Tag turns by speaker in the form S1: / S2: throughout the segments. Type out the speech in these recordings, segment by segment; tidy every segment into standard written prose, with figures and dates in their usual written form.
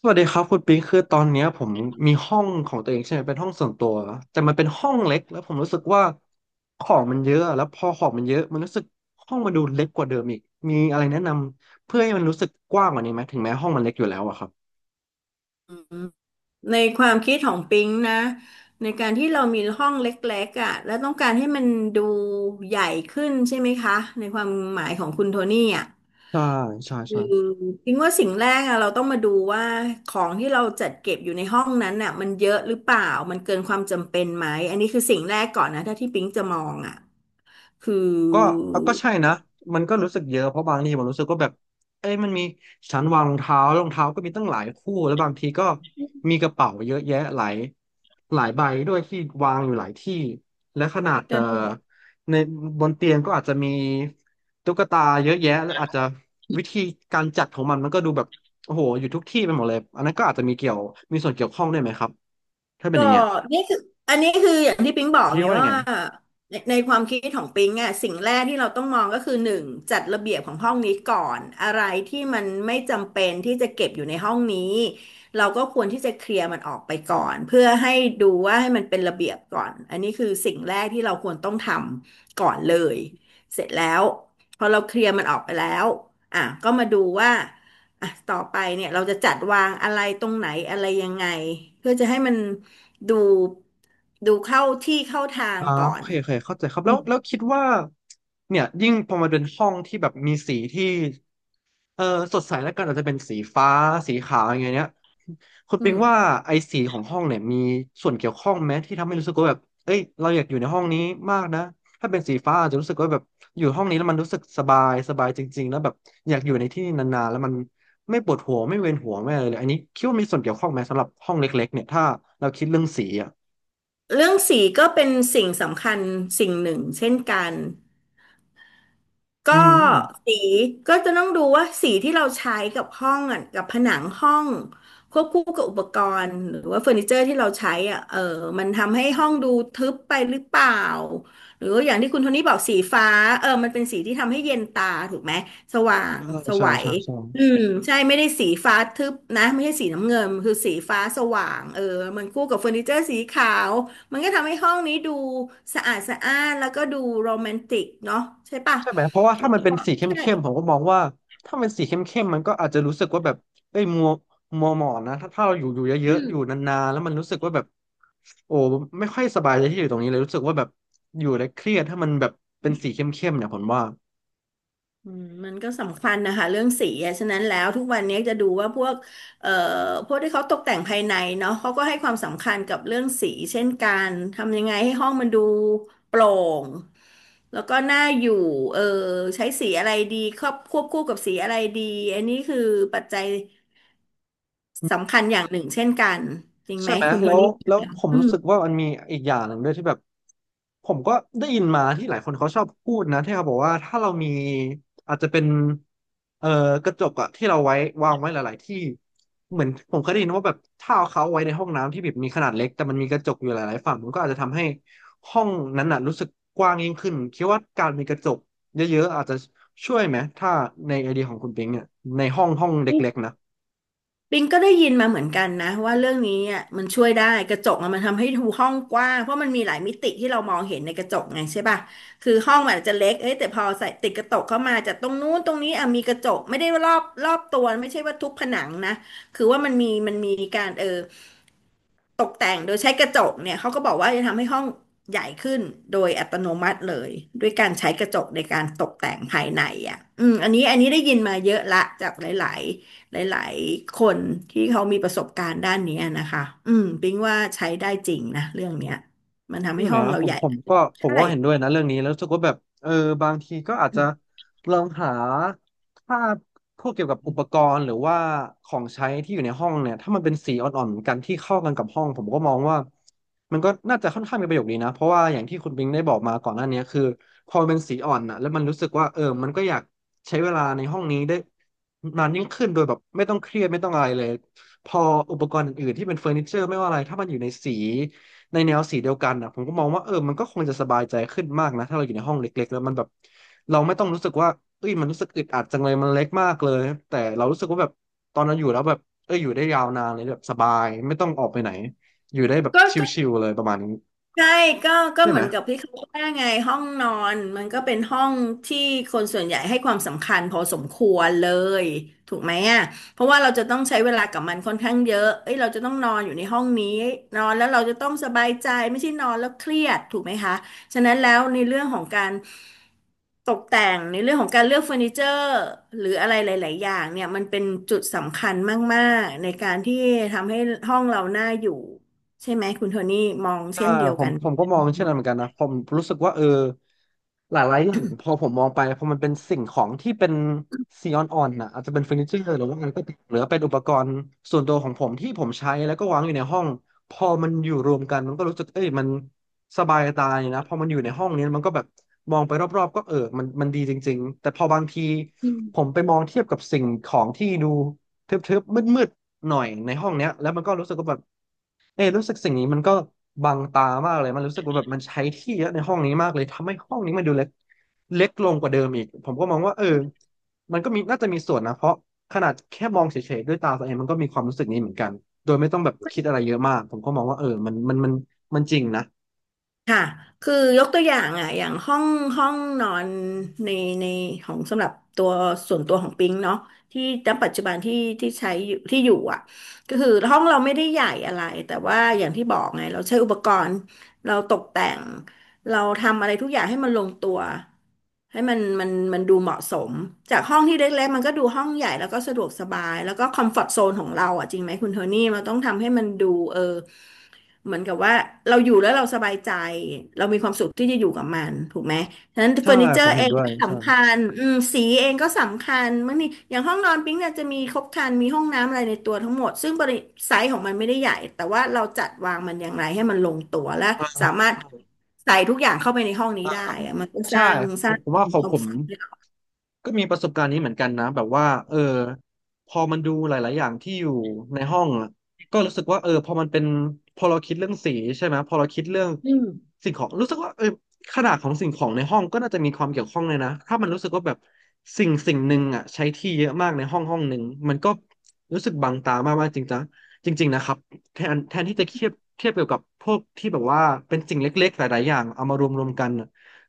S1: สวัสดีครับคุณปิงคือตอนเนี้ยผมมีห้องของตัวเองใช่ไหมเป็นห้องส่วนตัวแต่มันเป็นห้องเล็กแล้วผมรู้สึกว่าของมันเยอะแล้วพอของมันเยอะมันรู้สึกห้องมันดูเล็กกว่าเดิมอีกมีอะไรแนะนำเพื่อให้มันรู้สึกกว้างกว่านี้ไหมถึงแม้ห้องมันเล็กอยู่แล้วอะครับ
S2: อืมในความคิดของปิงนะในการที่เรามีห้องเล็กๆอ่ะแล้วต้องการให้มันดูใหญ่ขึ้นใช่ไหมคะในความหมายของคุณโทนี่อ่ะ
S1: ใช่ใช่
S2: คื
S1: ใช่
S2: อปิงว่าสิ่งแรกอะเราต้องมาดูว่าของที่เราจัดเก็บอยู่ในห้องนั้นน่ะมันเยอะหรือเปล่ามันเกินความจำเป็นไหมอันนี้คือสิ่งแรกก่อนนะถ้าที่ปิงจะมองอ่ะคือ
S1: ก็ก็ใช่นะมันก็รู้สึกเยอะเพราะบางทีผมรู้สึกก็แบบเอ้ยมันมีชั้นวางรองเท้ารองเท้าก็มีตั้งหลายคู่แล้วบางทีก็มีกระเป๋าเยอะแยะหลายใบด้วยที่วางอยู่หลายที่และขนาดในบนเตียงก็อาจจะมีตุ๊กตาเยอะแยะแล้วอาจจะวิธีการจัดของมันก็ดูแบบโอ้โหอยู่ทุกที่ไปหมดเลยอันนั้นก็อาจจะมีเกี่ยวมีส่วนเกี่ยวข้องด้วยไหมครับถ้าเป็น
S2: ก็
S1: อย่างเงี้ย
S2: นี่คืออันนี้คืออย่างที่ปิ๊งบอก
S1: พี่
S2: ไง
S1: ว่ายัง
S2: ว่า
S1: ไง
S2: ในความคิดของปิ๊งอ่ะสิ่งแรกที่เราต้องมองก็คือหนึ่งจัดระเบียบของห้องนี้ก่อนอะไรที่มันไม่จำเป็นที่จะเก็บอยู่ในห้องนี้เราก็ควรที่จะเคลียร์มันออกไปก่อนเพื่อให้ดูว่าให้มันเป็นระเบียบก่อนอันนี้คือสิ่งแรกที่เราควรต้องทำก่อนเลยเสร็จแล้วพอเราเคลียร์มันออกไปแล้วอ่ะก็มาดูว่าอ่ะต่อไปเนี่ยเราจะจัดวางอะไรตรงไหนอะไรยังไงเพื่อจะให้มัน ดูดูเข้าที่เข้าทาง
S1: อ่า
S2: ก่อ
S1: โอ
S2: น
S1: เคโอเคเข้าใจครับ
S2: อื
S1: แล้ว
S2: ม
S1: แล้วคิดว่าเนี่ยยิ่งพอมาเป็นห้องที่แบบมีสีที่เออสดใสแล้วกันอาจจะเป็นสีฟ้าสีขาวอย่างเงี้ยคุณปิงว่าไอ้สีของห้องเนี่ยมีส่วนเกี่ยวข้องไหมที่ทำให้รู้สึกว่าแบบเอ้ยเราอยากอยู่ในห้องนี้มากนะถ้าเป็นสีฟ้าอาจจะรู้สึกว่าแบบอยู่ห้องนี้แล้วมันรู้สึกสบายสบายจริงๆแล้วแบบอยากอยู่ในที่นานๆแล้วมันไม่ปวดหัวไม่เวียนหัวไม่อะไรเลยอันนี้คิดว่ามีส่วนเกี่ยวข้องไหมสำหรับห้องเล็กๆเนี่ยถ้าเราคิดเรื่องสีอ่ะ
S2: เรื่องสีก็เป็นสิ่งสำคัญสิ่งหนึ่งเช่นกัน ก็
S1: อืม
S2: สีก็จะต้องดูว่าสีที่เราใช้กับห้องอ่ะกับผนังห้องควบคู่กับอุปกรณ์หรือว่าเฟอร์นิเจอร์ที่เราใช้อ่ะมันทำให้ห้องดูทึบไปหรือเปล่าหรือว่าอย่างที่คุณโทนี่บอกสีฟ้ามันเป็นสีที่ทำให้เย็นตาถูกไหมสว่าง
S1: ใช่
S2: ส
S1: ใช่
S2: วัย
S1: ใช่ใช่
S2: อืมใช่ไม่ได้สีฟ้าทึบนะไม่ใช่สีน้ำเงินคือสีฟ้าสว่างมันคู่กับเฟอร์นิเจอร์สีขาวมันก็ทำให้ห้องนี้ดูสะอาดสะอ้านแล้วก็ดูโรแมนติกเนาะใช่ปะ
S1: ใช่ไหมเพราะว่า
S2: แล้
S1: ถ้า
S2: ว
S1: มันเป็น
S2: ก็
S1: สีเข
S2: ใช่
S1: ้มๆผมก็มองว่าถ้ามันสีเข้มๆมันก็อาจจะรู้สึกว่าแบบเอ้ยมัวหมองนะถ้าเราอยู่เยอะๆอยู่นานๆแล้วมันรู้สึกว่าแบบโอ้ไม่ค่อยสบายใจที่อยู่ตรงนี้เลยรู้สึกว่าแบบอยู่แล้วเครียดถ้ามันแบบเป็นสีเข้มๆเนี่ยผมว่า
S2: มันก็สำคัญนะคะเรื่องสีอะฉะนั้นแล้วทุกวันนี้จะดูว่าพวกเอ่อพวกที่เขาตกแต่งภายในเนาะเขาก็ให้ความสำคัญกับเรื่องสีเช่นกันทำยังไงให้ห้องมันดูโปร่งแล้วก็น่าอยู่เออใช้สีอะไรดีครอบควบคู่กับสีอะไรดีอันนี้คือปัจจัยสำคัญอย่างหนึ่งเช่นกันจริงไห
S1: ใช่
S2: ม
S1: ไหม
S2: คุณโท
S1: แล้ว
S2: นี่
S1: แล้วผม
S2: อื
S1: รู้
S2: ม
S1: สึกว่ามันมีอีกอย่างหนึ่งด้วยที่แบบผมก็ได้ยินมาที่หลายคนเขาชอบพูดนะที่เขาบอกว่าถ้าเรามีอาจจะเป็นเอ่อกระจกอะที่เราไว้วางไว้หลายๆที่เหมือนผมเคยได้ยินว่าแบบถ้าเอาเขาไว้ในห้องน้ำที่แบบมีขนาดเล็กแต่มันมีกระจกอยู่หลายๆฝั่งมันก็อาจจะทำให้ห้องนั้นน่ะรู้สึกกว้างยิ่งขึ้นคิดว่าการมีกระจกเยอะๆอาจจะช่วยไหมถ้าในไอเดียของคุณปิงเนี่ยในห้องห้องเล็กๆนะ
S2: ปิงก็ได้ยินมาเหมือนกันนะว่าเรื่องนี้อ่ะมันช่วยได้กระจกอะมันทำให้ดูห้องกว้างเพราะมันมีหลายมิติที่เรามองเห็นในกระจกไงใช่ป่ะคือห้องมันอาจจะเล็กเอ้ยแต่พอใส่ติดกระจกเข้ามาจากตรงนู้นตรงนี้อ่ะมีกระจกไม่ได้ว่ารอบตัวไม่ใช่ว่าทุกผนังนะคือว่ามันมีการตกแต่งโดยใช้กระจกเนี่ยเขาก็บอกว่าจะทำให้ห้องใหญ่ขึ้นโดยอัตโนมัติเลยด้วยการใช้กระจกในการตกแต่งภายในอ่ะอืมอันนี้อันนี้ได้ยินมาเยอะละจากหลายๆหลายๆคนที่เขามีประสบการณ์ด้านเนี้ยนะคะอืมปิ๊งว่าใช้ได้จริงนะเรื่องเนี้ยมันทำ
S1: ใช่
S2: ให้
S1: ไหม
S2: ห้องเรา
S1: ผม
S2: ใหญ่
S1: ผมก็ผม
S2: ใช่
S1: ก็เห็นด้วยนะเรื่องนี้แล้วรู้สึกว่าแบบเออบางทีก็อาจจะลองหาภาพพวกเกี่ยวกับอุปกรณ์หรือว่าของใช้ที่อยู่ในห้องเนี่ยถ้ามันเป็นสีอ่อนๆเหมือนกันที่เข้ากันกับห้องผมก็มองว่ามันก็น่าจะค่อนข้างมีประโยชน์ดีนะเพราะว่าอย่างที่คุณบิงได้บอกมาก่อนหน้านี้คือพอมันเป็นสีอ่อนนะแล้วมันรู้สึกว่าเออมันก็อยากใช้เวลาในห้องนี้ได้นานยิ่งขึ้นโดยแบบไม่ต้องเครียดไม่ต้องอะไรเลยพออุปกรณ์อื่นๆที่เป็นเฟอร์นิเจอร์ไม่ว่าอะไรถ้ามันอยู่ในสี ในแนวสีเดียวกันอ่ะผมก็มองว่าเออมันก็คงจะสบายใจขึ้นมากนะถ้าเราอยู่ในห้องเล็กๆแล้วมันแบบเราไม่ต้องรู้สึกว่าเอ้ยมันรู้สึกอึดอัดจังเลยมันเล็กมากเลยแต่เรารู้สึกว่าแบบตอนเราอยู่แล้วแบบเอออยู่ได้ยาวนานเลยแบบสบายไม่ต้องออกไปไหนอยู่ได้แบบ
S2: ก็
S1: ชิลๆเลยประมาณนี้
S2: ใช่ก็ก็
S1: ใช่
S2: เห
S1: ไหม
S2: มือนกับที่เขาว่าไงห้องนอนมันก็เป็นห้องที่คนส่วนใหญ่ให้ความสำคัญพอสมควรเลยถูกไหมอ่ะเพราะว่าเราจะต้องใช้เวลากับมันค่อนข้างเยอะเอ้ยเราจะต้องนอนอยู่ในห้องนี้นอนแล้วเราจะต้องสบายใจไม่ใช่นอนแล้วเครียดถูกไหมคะฉะนั้นแล้วในเรื่องของการตกแต่งในเรื่องของการเลือกเฟอร์นิเจอร์หรืออะไรหลายๆอย่างเนี่ยมันเป็นจุดสำคัญมากๆในการที่ทำให้ห้องเราน่าอยู่ ใช่ไหมคุณโทนี่มอง
S1: ใช่
S2: เช่นเดียว
S1: ผม
S2: กัน
S1: ผมก็มองเช่นนั้นเหมือ
S2: ม
S1: นกันนะผมรู้สึกว่าเออหลายๆอย่างพอผมมองไปพอมันเป็นสิ่งของที่เป็นซีออนออนนะอาจจะเป็นเฟอร์นิเจอร์หรือว่าอะไรก็ตามหรือว่าเป็นอุปกรณ์ส่วนตัวของผมที่ผมใช้แล้วก็วางอยู่ในห้องพอมันอยู่รวมกันมันก็รู้สึกเอ้ยมันสบายตาเนี่ยนะพอมันอยู่ในห้องเนี้มันก็แบบมองไปรอบๆก็เออมันดีจริงๆแต่พอบางทีผมไปมองเทียบกับสิ่งของที่ดูทึบๆมืดๆหน่อยในห้องเนี้ยแล้วมันก็รู้สึกว่าแบบ เอยรู้สึกสิ่งนี้มันก็บังตามากเลยมันรู้สึกว่าแบบมันใช้ที่เยอะในห้องนี้มากเลยทำให้ห้องนี้มันดูเล็กลงกว่าเดิมอีกผมก็มองว่าเออมันก็มีน่าจะมีส่วนนะเพราะขนาดแค่มองเฉยๆด้วยตาตัวเองมันก็มีความรู้สึกนี้เหมือนกันโดยไม่ต้องแบบคิดอะไรเยอะมากผมก็มองว่าเออมันมันจริงนะ
S2: ค่ะคือยกตัวอย่างอ่ะอย่างห้องห้องนอนในในของสำหรับตัวส่วนตัวของปิงเนาะที่ณปัจจุบันที่ใช้อยู่ที่อยู่อ่ะก็คือห้องเราไม่ได้ใหญ่อะไรแต่ว่าอย่างที่บอกไงเราใช้อุปกรณ์เราตกแต่งเราทำอะไรทุกอย่างให้มันลงตัวให้มันมันดูเหมาะสมจากห้องที่เล็กๆมันก็ดูห้องใหญ่แล้วก็สะดวกสบายแล้วก็คอมฟอร์ตโซนของเราอ่ะจริงไหมคุณโทนี่เราต้องทำให้มันดูเออ เหมือนกับว่าเราอยู่แล้วเราสบายใจเรามีความสุขที่จะอยู่กับมันถูกไหมฉะนั้นเฟ
S1: ใช่
S2: อร์นิเจอ
S1: ผม
S2: ร์
S1: เห็
S2: เอ
S1: น
S2: ง
S1: ด้วย
S2: ก็
S1: ใช่
S2: สำคัญอืมสีเองก็สำคัญบางทีอย่างห้องนอนปิ๊งเนี่ยจะมีครบครันมีห้องน้ำอะไรในตัวทั้งหมดซึ่งบริไซส์ของมันไม่ได้ใหญ่แต่ว่าเราจัดวางมันอย่างไรให้มันลงตัวและ
S1: อ่
S2: สามารถใส่ทุกอย่างเข้าไปในห้องนี้
S1: า
S2: ได้อะมันก็ส
S1: ใช่
S2: ร้างส
S1: ผ
S2: ร้า
S1: ม
S2: ง
S1: ผมว่าขอ
S2: ค
S1: ง
S2: วา
S1: ผ
S2: ม
S1: ม
S2: สุข
S1: ก็มีประสบการณ์นี้เหมือนกันนะแบบว่าเออพอมันดูหลายๆอย่างที่อยู่ในห้องอะก็รู้สึกว่าเออพอมันเป็นพอเราคิดเรื่องสีใช่ไหมพอเราคิดเรื่องสิ่งของรู้สึกว่าเออขนาดของสิ่งของในห้องก็น่าจะมีความเกี่ยวข้องเลยนะถ้ามันรู้สึกว่าแบบสิ่งหนึ่งอ่ะใช้ที่เยอะมากในห้องห้องหนึ่งมันก็รู้สึกบังตามากๆจริงจังจริงๆนะครับแทนที่จะเทียบเกี่ยวกับพวกที่แบบว่าเป็นสิ่งเล็กๆหลายๆอย่างเอามารวมๆกัน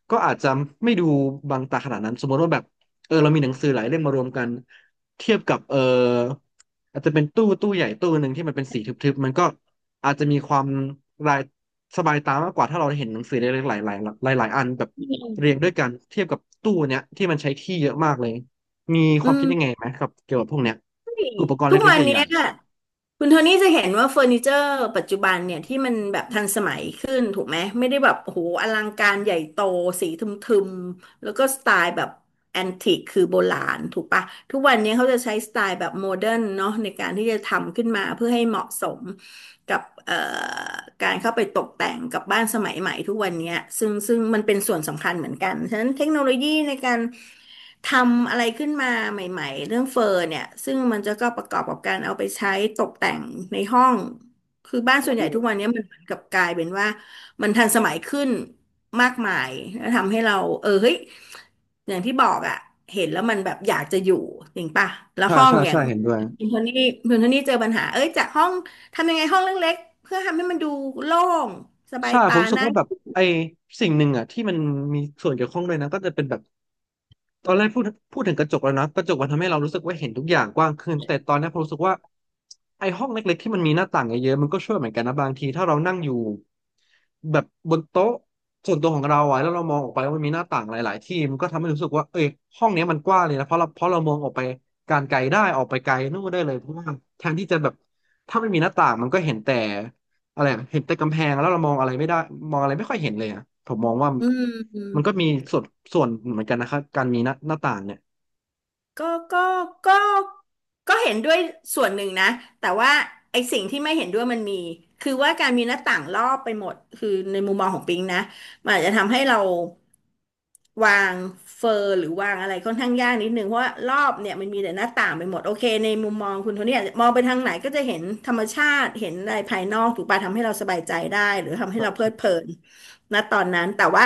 S1: ก็อาจจะไม่ดูบางตาขนาดนั้นสมมติว่าแบบเออเรามีหนังสือหลายเล่มมารวมกันเทียบกับเอออาจจะเป็นตู้ใหญ่ตู้หนึ่งที่มันเป็นสีทึบๆมันก็อาจจะมีความรายสบายตามากกว่าถ้าเราเห็นหนังสือเล็กๆหลายๆหลายอันแบบเรียงด้วยกันเทียบกับตู้เนี้ยที่มันใช้ที่เยอะมากเลยมีค
S2: อื
S1: วามคิดยังไง
S2: ม
S1: ไหมครับเกี่ยวกับพวกเนี้ยอุปกรณ์
S2: ทุก
S1: เล็กๆ
S2: วัน
S1: ให
S2: เนี้
S1: ญ่
S2: ยคุณโทนี่จะเห็นว่าเฟอร์นิเจอร์ปัจจุบันเนี่ยที่มันแบบทันสมัยขึ้นถูกไหมไม่ได้แบบโอ้โหอลังการใหญ่โตสีทึม แล้วก็สไตล์แบบแอนติกคือโบราณถูกปะทุกวันนี้เขาจะใช้สไตล์แบบโมเดิร์นเนาะในการที่จะทำขึ้นมาเพื่อให้เหมาะสมกับการเข้าไปตกแต่งกับบ้านสมัยใหม่ทุกวันนี้ซึ่งมันเป็นส่วนสำคัญเหมือนกันฉะนั้นเทคโนโลยีในการทำอะไรขึ้นมาใหม่ๆเรื่องเฟอร์เนี่ยซึ่งมันจะก็ประกอบกับการเอาไปใช้ตกแต่งในห้องคือบ้านส่วน
S1: ๆ
S2: ให
S1: อื
S2: ญ่
S1: ม
S2: ทุกวันนี้มันเหมือนกับกลายเป็นว่า มันทันสมัยขึ้นมากมายแล้วทำให้เราเออเฮ้ยอย่างที่บอกอะเห็นแล้วมันแบบอยากจะอยู่จริงป่ะแล้ว
S1: ใช่
S2: ห้อง
S1: ใช่
S2: อย่า
S1: ใช่
S2: ง
S1: เห็นด้วย
S2: คุณโทนี่คุณโทนี่เจอปัญหาเอ้ยจากห้องทำยังไงห้องเล็กๆเพื่อทำให้มันดูโล่งสบาย
S1: ใช่ผ
S2: ตา
S1: มรู้สึก
S2: น่า
S1: ว่าแบบไอ้สิ่งหนึ่งอ่ะที่มันมีส่วนเกี่ยวข้องด้วยนะก็จะเป็นแบบ ตอนแรกพูดถึงกระจกแล้วนะกระจกมันทำให้เรารู้สึกว่าเห็นทุกอย่างกว้างขึ้นแต่ตอนนี้ผมรู้สึกว่าไอ้ห้องเล็กๆที่มันมีหน้าต่างเยอะๆมันก็ช่วยเหมือนกันนะบางทีถ้าเรานั่งอยู่แบบบนโต๊ะส่วนตัวของเราอะแล้วเรามองออกไปว่ามันมีหน้าต่างหลายๆที่มันก็ทำให้รู้สึกว่าเอ้ยห้องเนี้ยมันกว้างเลยนะเพราะเรามองออกไปการไกลได้ออกไปไกลนู่นได้เลยเพราะว่าแทนที่จะแบบถ้าไม่มีหน้าต่างมันก็เห็นแต่ อะไรอะเห็นแต่กำแพงแล้วเรามองอะไรไม่ได้มองอะไรไม่ค่อยเห็นเลยอ่ะผมมองว่า
S2: อื
S1: มัน
S2: ม
S1: ก็มีส่วนส่วนเหมือนกันนะครับการมีหน้าต่างเนี่ย
S2: ก็ก็ก็ก็เห็นด้วยส่วนหนึ่งนะแต่ว่าไอ้สิ่งที่ไม่เห็นด้วยมันมีคือว่าการมีหน้าต่างรอบไปหมดคือในมุมมองของปิงนะ มันอาจจะทำให้เราวางเฟอร์หรือวางอะไรค่อนข้างยากนิดนึงเพราะว่ารอบเนี่ยมันมีแต่หน้าต่างไปหมดโอเคในมุมมองคุณโทนี่อาจจะมองไปทางไหนก็จะเห็นธรรมชาติเห็นอะไรภายนอกถูกปะทำให้เราสบายใจได้หรือทำให้
S1: ใช่
S2: เราเพลิ
S1: ใช่
S2: ดเพลินณตอนนั้นแต่ว่า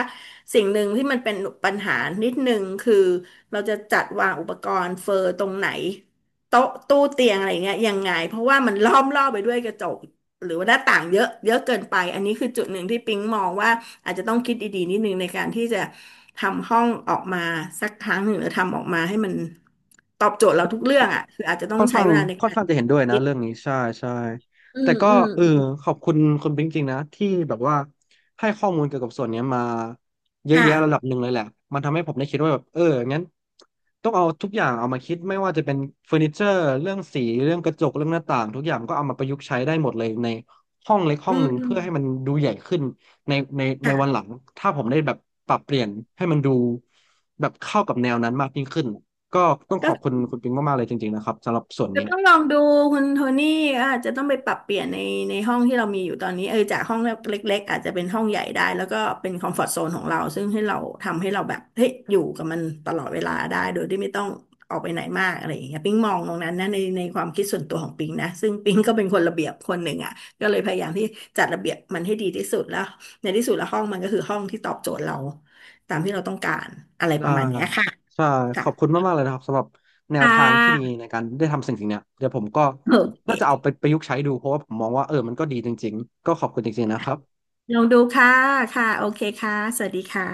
S2: สิ่งหนึ่งที่มันเป็นปัญหานิดนึงคือเราจะจัดวางอุปกรณ์เฟอร์ตรงไหนโต๊ะตู้เตียงอะไรเงี้ยยังไงเพราะว่ามันล้อมรอบไปด้วยกระจก หรือว่าหน้าต่างเยอะเยอะเกินไปอันนี้คือจุดหนึ่งที่ปิ๊งมองว่าอาจจะต้องคิดดีๆนิดนึงในการที่จะทำห้องออกมาสักครั้งหนึ่งหรือทำออกมาให้มันตอบโจทย์เราทุกเรื่องอ่ะคืออาจจะต้อง
S1: ค่อน
S2: ใช้
S1: ข้าง
S2: เวลาใน
S1: ค่อน
S2: การ
S1: ข้างจะเห็นด้วยนะ
S2: คิด
S1: เรื่องนี้ใช่ใช่
S2: อื
S1: แต่
S2: ม
S1: ก็
S2: อืม
S1: เออ
S2: อืม
S1: ขอบคุณคุณปิ๊งจริงๆนะที่แบบว่าให้ข้อมูลเกี่ยวกับส่วนเนี้ยมาเยอะ
S2: ค่ะ
S1: แยะระดับหนึ่งเลยแหละมันทำให้ผมได้คิดว่าแบบเอองั้นต้องเอาทุกอย่างเอามาคิดไม่ว่าจะเป็นเฟอร์นิเจอร์เรื่องสีเรื่องกระจกเรื่องหน้าต่างทุกอย่างก็เอามาประยุกต์ใช้ได้หมดเลยในห้องเล็ก
S2: อื
S1: ห้องหนึ่งเพื่อให้มัน
S2: ม
S1: ดูใหญ่ขึ้น ในวัน
S2: ค่ะ
S1: หลังถ้าผมได้แบบปรับเปลี่ยนให้มันดูแบบเข้ากับแนวนั้นมากยิ่งขึ้นก็ต้องข
S2: ก็
S1: อบคุณคุณปิงมากๆเลยจริงๆนะครับสำหรับส่วน
S2: จะ
S1: นี้
S2: ต้องลองดูคุณโทนี่อาจจะต้องไปปรับเปลี่ยนในในห้องที่เรามีอยู่ตอนนี้เออจากห้องเล็กๆอาจจะเป็นห้องใหญ่ได้แล้วก็เป็นคอมฟอร์ z โซนของเราซึ่งให้เราทำให้เราแบบเฮ้ยอยู่กับมันตลอดเวลาได้โดยที่ไม่ต้องออกไปไหนมากอะไรอย่างเงี้ยปิ๊งมองตรงนั้นนะในในความคิดส่วนตัวของปิ๊งนะซึ่งปิ๊งก็เป็นคนระเบียบคนหนึ่งอ่ะก็เลยพยายามที่จัดระเบียบมันให้ดีที่สุดแล้วในที่สุดแล้วห้องมันก็คือห้องที่ตอบโจทย์เราตามที่เราต้องการอะไรป
S1: ได้
S2: ระมาณเนี้ยค่ะ
S1: ใช่ขอบคุณ
S2: ค่ะ
S1: มากๆเลยนะครับสำหรับแนว
S2: ค่
S1: ทางที่ดี
S2: ะ
S1: ในการได้ทำสิ่งเนี้ยเดี๋ยวผมก็
S2: โอ
S1: น่าจะเอา
S2: เค
S1: ไปประยุกต์ใช้ดูเพราะว่าผมมองว่าเออมันก็ดีจริงๆก็ขอบคุณจริงๆนะครับ
S2: ลองดูค่ะ ค่ะ โอเคค่ะ สวัสดีค่ะ